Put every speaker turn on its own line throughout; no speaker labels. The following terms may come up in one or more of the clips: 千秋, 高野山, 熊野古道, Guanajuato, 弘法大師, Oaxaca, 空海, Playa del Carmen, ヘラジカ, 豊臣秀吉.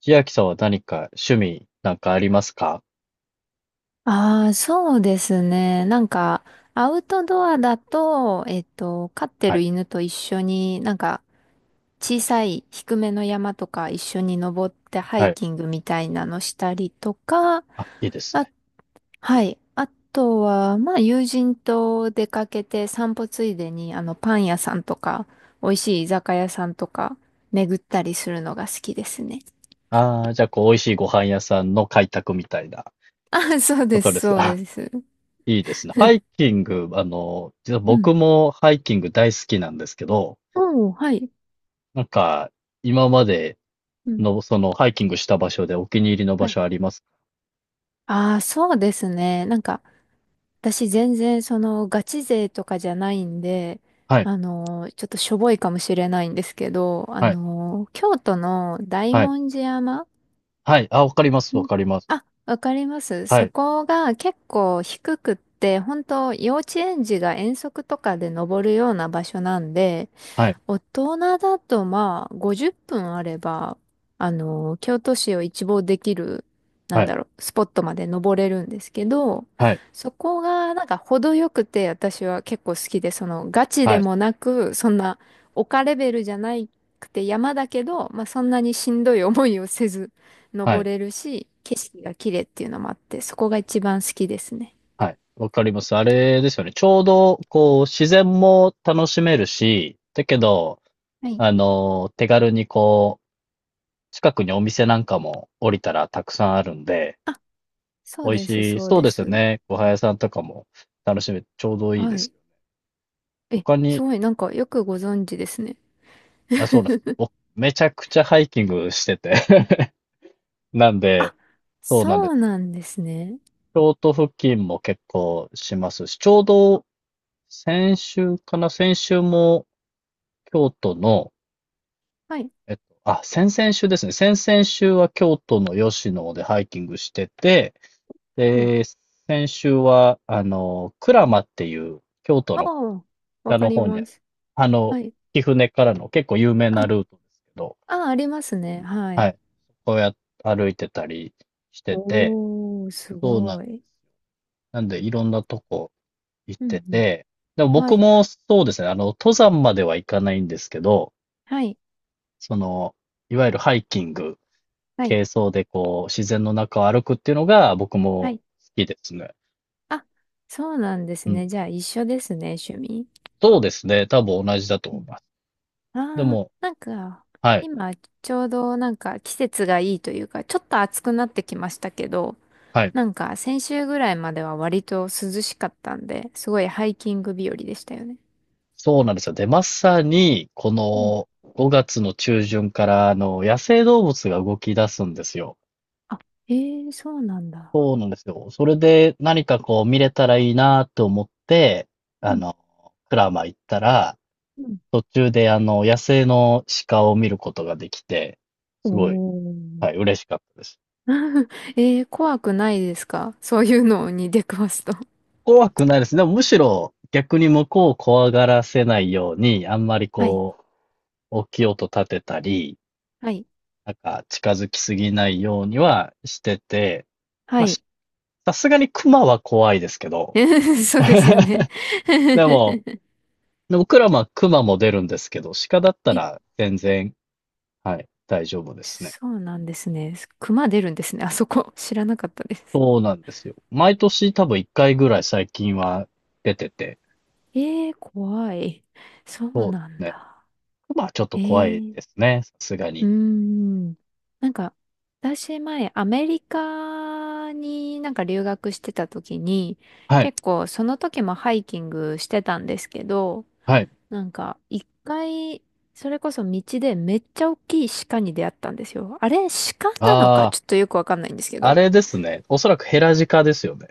千秋さんは何か趣味なんかありますか？
ああ、そうですね。なんか、アウトドアだと、飼って
は
る
い。
犬と一緒に、なんか、小さい低めの山とか一緒に登ってハ
は
イ
い。
キングみたいなのしたりとか、
あ、いいです
あ、
ね。
はい。あとは、まあ、友人と出かけて散歩ついでに、パン屋さんとか、美味しい居酒屋さんとか、巡ったりするのが好きですね。
ああ、じゃあ、こう、美味しいご飯屋さんの開拓みたいな
あ、そう
こ
で
と
す、
です
そ
が、
う
あ、
です。
いいですね。ハイキング、実は
うん。
僕もハイキング大好きなんですけど、
おー、はい。
なんか、今まで
うん。
の、ハイキングした場所でお気に入りの場
はい。
所あります？
ああ、そうですね。なんか、私全然そのガチ勢とかじゃないんで、
はい、
ちょっとしょぼいかもしれないんですけど、
はい、
京都の大
はい、
文字山。
はい。あ、わかります、わ
ん。
かります。
あ、わかります。
は
そ
い、
こが結構低くって、本当幼稚園児が遠足とかで登るような場所なんで、
はい、
大人だとまあ50分あれば、京都市を一望できる、な
は
んだ
い、
ろう、スポットまで登れるんですけど、
はい、
そこがなんか程よくて私は結構好きで、そのガチで
はい、
もなく、そんな丘レベルじゃなくて山だけど、まあそんなにしんどい思いをせず
は
登
い。
れるし、景色が綺麗っていうのもあって、そこが一番好きですね。
はい。わかります。あれですよね。ちょうど、こう、自然も楽しめるし、だけど、
はい。
手軽にこう、近くにお店なんかも降りたらたくさんあるんで、
あ、そう
美味
です、
しい。
そう
そう
で
ですよ
す。
ね。ごは屋さんとかも楽しめて、ちょうどいい
は
で
い。
す。
え、
他に、
すごい、なんかよくご存知ですね。
あ、そうなんです。僕、めちゃくちゃハイキングしてて なんで、
あ、
そうなんで
そう
す。
なんですね。
京都付近も結構しますし、ちょうど先週かな先週も京都の
はい。
あ、先々週ですね。先々週は京都の吉野でハイキングしてて、
お。
で、先週は、鞍馬っていう京都
あ
の
あ、わ
北
か
の
り
方にあ
ま
る、
す。
あの、
はい。
貴船からの結構有名
あ、
なルートですけど、
あ、ありますね。は
は
い。
い。そこをや、歩いてたりしてて、
おー、す
そうな
ご
ん、
い。
なんでいろんなとこ行っ
う
て
んうん。
て、でも
は
僕
い。
もそうですね、登山までは行かないんですけど、
はい。
その、いわゆるハイキング
はい。
軽装でこう、自然の中を歩くっていうのが僕
は
も好
い。
きですね。
あ、そうなんです
うん。
ね。じゃあ、一緒ですね、趣味。
そうですね。多分同じだと
う
思い
ん。
ます。で
ああ、
も、
なんか、
はい、
今、ちょうどなんか季節がいいというか、ちょっと暑くなってきましたけど、
はい。
なんか先週ぐらいまでは割と涼しかったんで、すごいハイキング日和でしたよね。
そうなんですよ。で、まさに、こ
うん。
の5月の中旬から、野生動物が動き出すんですよ。
あ、えー、そうなんだ。
そうなんですよ。それで何かこう見れたらいいなと思って、
う
あ
ん。
の、クラマ行ったら、
うん。
途中で野生の鹿を見ることができて、
お
すごい、はい、
ー。
嬉しかったです。
えー、怖くないですか？ そういうのに出くわすと。
怖くないですね。でもむしろ逆に向こうを怖がらせないように、あんまり
はい。
こう、大きい音立てたり、
はい。
なんか近づきすぎないようにはしてて、
は
まあ、
い。
さすがに熊は怖いですけど、
そうですよね。
で も、でも僕らは熊も出るんですけど、鹿だった
え、
ら全然、はい、大丈夫ですね。
そうなんですね。熊出るんですね。あそこ。知らなかったです。
そうなんですよ。毎年多分1回ぐらい最近は出てて、
えー、怖い。そう
そうで
な
す
ん
ね。
だ。
熊はちょっと怖い
ええ、
ですね。さすが
うー
に。
ん。なんか、私前、アメリカになんか留学してた時に、
はい、
結構その時もハイキングしてたんですけど、
はい。
なんか一回、それこそ道でめっちゃ大きい鹿に出会ったんですよ。あれ、鹿なの
あ
か
あ。
ちょっとよくわかんないんですけ
あ
ど。
れですね。おそらくヘラジカですよね。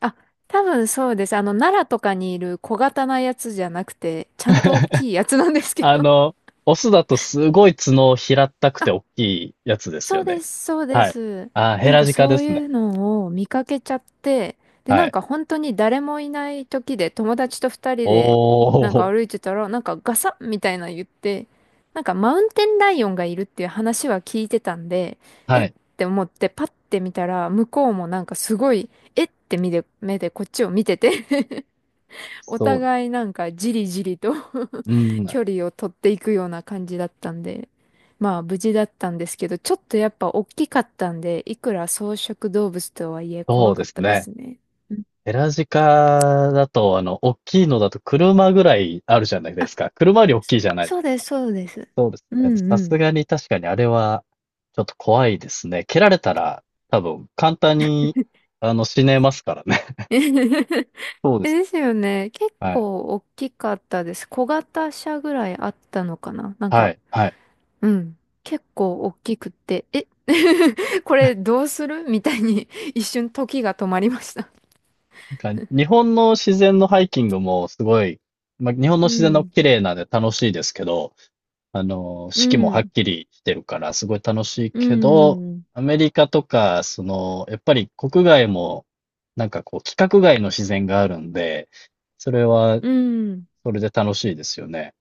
あ、多分そうです。奈良とかにいる小型なやつじゃなくて、ちゃんと大 きいやつなんですけ
あ
ど。
の、オスだとすごい角を平ったく て
あ、
大きいやつです
そ
よ
うで
ね。
す、そうで
はい。
す。
あー、ヘ
なん
ラ
か
ジカ
そ
で
う
すね。
いうのを見かけちゃって、で、
は
なん
い。
か本当に誰もいない時で友達と二人
お
でなん
ー。
か歩いてたら、なんかガサッみたいなの言って、なんかマウンテンライオンがいるっていう話は聞いてたんで、え
は
っ
い。
て思ってパッて見たら、向こうもなんかすごい、えって目で、目でこっちを見ててお
そう。
互いなんかじりじりと
うん。
距離を取っていくような感じだったんで、まあ無事だったんですけど、ちょっとやっぱ大きかったんで、いくら草食動物とはいえ
そ
怖
うで
かっ
す
たで
ね。
すね。うん。
ヘラジカだと、大きいのだと車ぐらいあるじゃないで
あ、
すか。車より大
そ
きいじゃないで
そ
す
うで
か？
す、そうです。
そうです
う
ね。
ん
さ
う
す
ん。
がに確かにあれは、ちょっと怖いですね。蹴られたら、多分簡単に、死ねますからね。そうです。
ですよね。結
はい。
構大きかったです。小型車ぐらいあったのかななん
は
か、
い、はい。
うん。結構大きくって、え、 これどうするみたいに一瞬時が止まりました。
なんか、日本の自然のハイキングもすごい、まあ、日本の
う
自然の
ん、
綺麗なんで楽しいですけど、
う
四季もはっ
ん、
きりしてるからすごい楽しい
う
けど、
ん、
アメリカとか、やっぱり国外も、なんかこう、規格外の自然があるんで、それは、
うん、
それで楽しいですよね。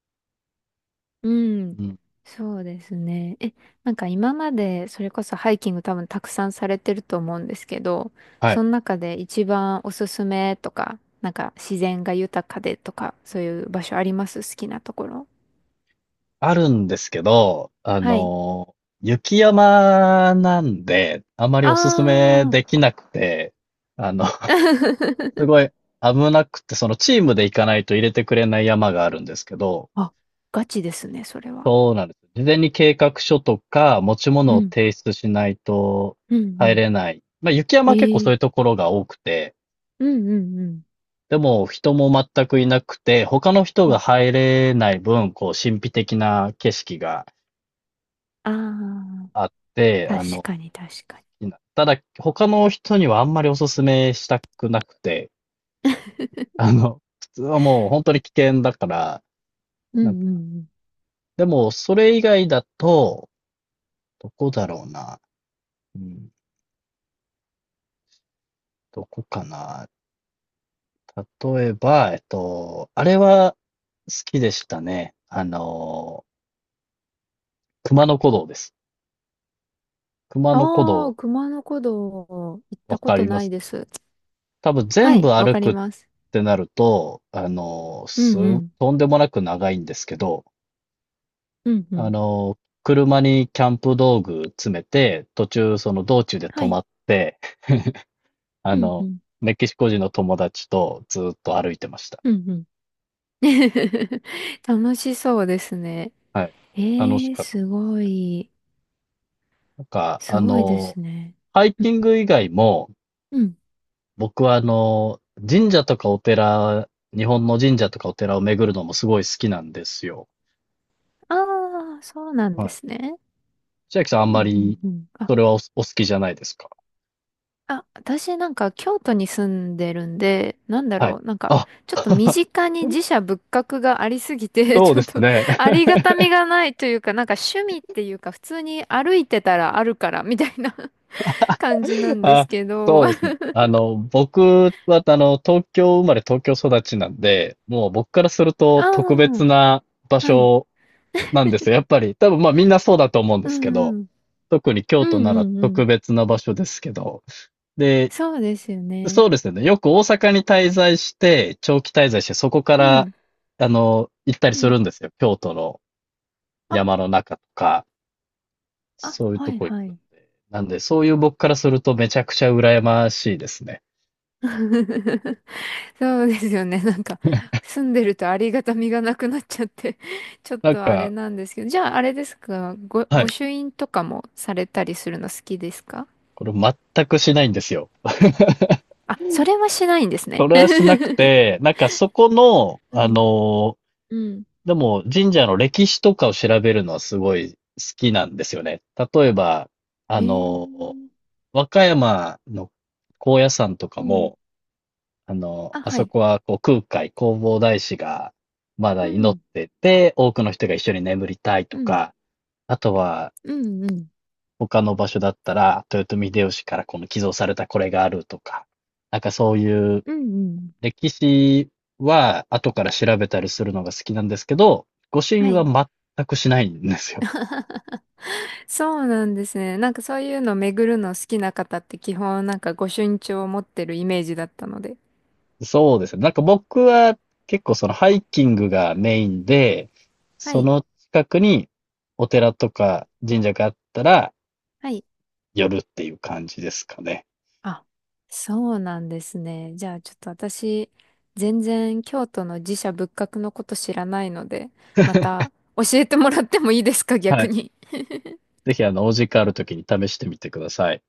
うん、
うん。
そうですね。え、なんか今までそれこそハイキング多分たくさんされてると思うんですけど、
はい。
その中で一番おすすめとか、なんか自然が豊かでとか、そういう場所あります？好きなところ。
あるんですけど、
はい。
雪山なんで、あまり
あ
おすすめ
ー。
できなくて、あのす ごい危なくて、チームで行かないと入れてくれない山があるんですけど、
あ、ガチですね、それは。
そうなんです。事前に計画書とか持ち
う
物を
ん、
提出しないと
うん、う
入
ん。
れない。まあ、雪山
え
は結構そういうと
ー、
ころが多くて、
うん、うん、
でも人も全くいなくて、他の人
う
が
ん。
入れない分、こう神秘的な景色が
ああ
あって、
ー、確かに確かに。
いいな。ただ他の人にはあんまりおすすめしたくなくて、普通はもう本当に危険だから、
うん
なんか
うんうん。
でも、それ以外だと、どこだろうな。うん、どこかな。例えば、あれは好きでしたね。熊野古道です。熊野古
あ
道、
あ、熊野古道行っ
わ
たこ
か
と
りま
ない
す。
です。
多分
は
全
い、
部
わ
歩
か
く
り
っ
ます。
てなると、
うんうん。
とんでもなく長いんですけど、
うんう
あ
ん。
の、車にキャンプ道具詰めて、途中その道中で
は
止ま
い。
って、あ
うんう
の、
ん。
メキシコ人の友達とずっと歩いてました。
うんうん。楽しそうですね。
はい。楽し
ええ、
かっ
す
たです
ご
ね。
い。
なんか、
すごいですね。
ハイキング以外も、
うん。
僕は神社とかお寺、日本の神社とかお寺を巡るのもすごい好きなんですよ。
ああー、そうなん
は
で
い。
すね。
千秋さんあ
う
ん
んう
まり、
んうん。あ、
それはお好きじゃないですか？
あ、私なんか京都に住んでるんで、なんだ
はい。
ろう、なんか
あ、
ちょっと身 近に寺社仏閣がありすぎて、
そう
ち
で
ょっ
す
と
ね。
ありがたみがないというか、なんか趣味っていうか普通に歩いてたらあるからみたいな 感じな んで
あ、
すけど。
そう
あ
ですね。僕は、東京生まれ東京育ちなんで、もう僕からすると特別
あ、
な場
はい。
所なんですよ。やっぱり、多分まあみんなそうだと思うんで
う
すけど、
んうん。
特に京
う
都
ん
なら
うんう
特
ん。
別な場所ですけど。で、
そうですよね。
そうですね。よく大阪に滞在して、長期滞在して、そこか
う
ら、
ん。
行ったり
う
す
ん。
るんですよ。京都の
あ、
山の中とか、
あ、
そういう
は
と
い
こ行
は
くん
い。
で。なんで、そういう僕からするとめちゃくちゃ羨ましいですね。
そうですよね。なんか、住んでるとありがたみがなくなっちゃって ちょっ
なん
とあれ
か、
なんですけど。じゃあ、あれですか、
はい。
御朱印とかもされたりするの好きですか？
これ全くしないんですよ。
あ、それはしないんです
そ
ね。
れはしなく て、なんかそこの、
うん、うん。
でも、神社の歴史とかを調べるのはすごい好きなんですよね。例えば、
え
あの、
ー、
和歌山の高野山とか
うん。
も、
あ、
あ
は
そ
い。
こはこう空海、弘法大師がまだ
う
祈っ
ん、
てて、多くの人が一緒に眠りたい
う
と
ん、
か、あとは
うん、うん、
他の場所だったら、豊臣秀吉からこの寄贈されたこれがあるとか、なんかそういう
うん、うん。
歴史は後から調べたりするのが好きなんですけど、御朱
は
印は
い。
全くしないんですよ。
そうなんですね。なんかそういうの巡るの好きな方って基本なんか御朱印帳を持ってるイメージだったので。
そうですね。なんか僕は結構そのハイキングがメインで、
は
そ
い。
の近くにお寺とか神社があったら
はい。
寄るっていう感じですかね。
あ、そうなんですね。じゃあちょっと私、全然京都の寺社仏閣のこと知らないので、また教えてもらってもいいですか、
は
逆
い。
に。
ぜひお時間ある時に試してみてください。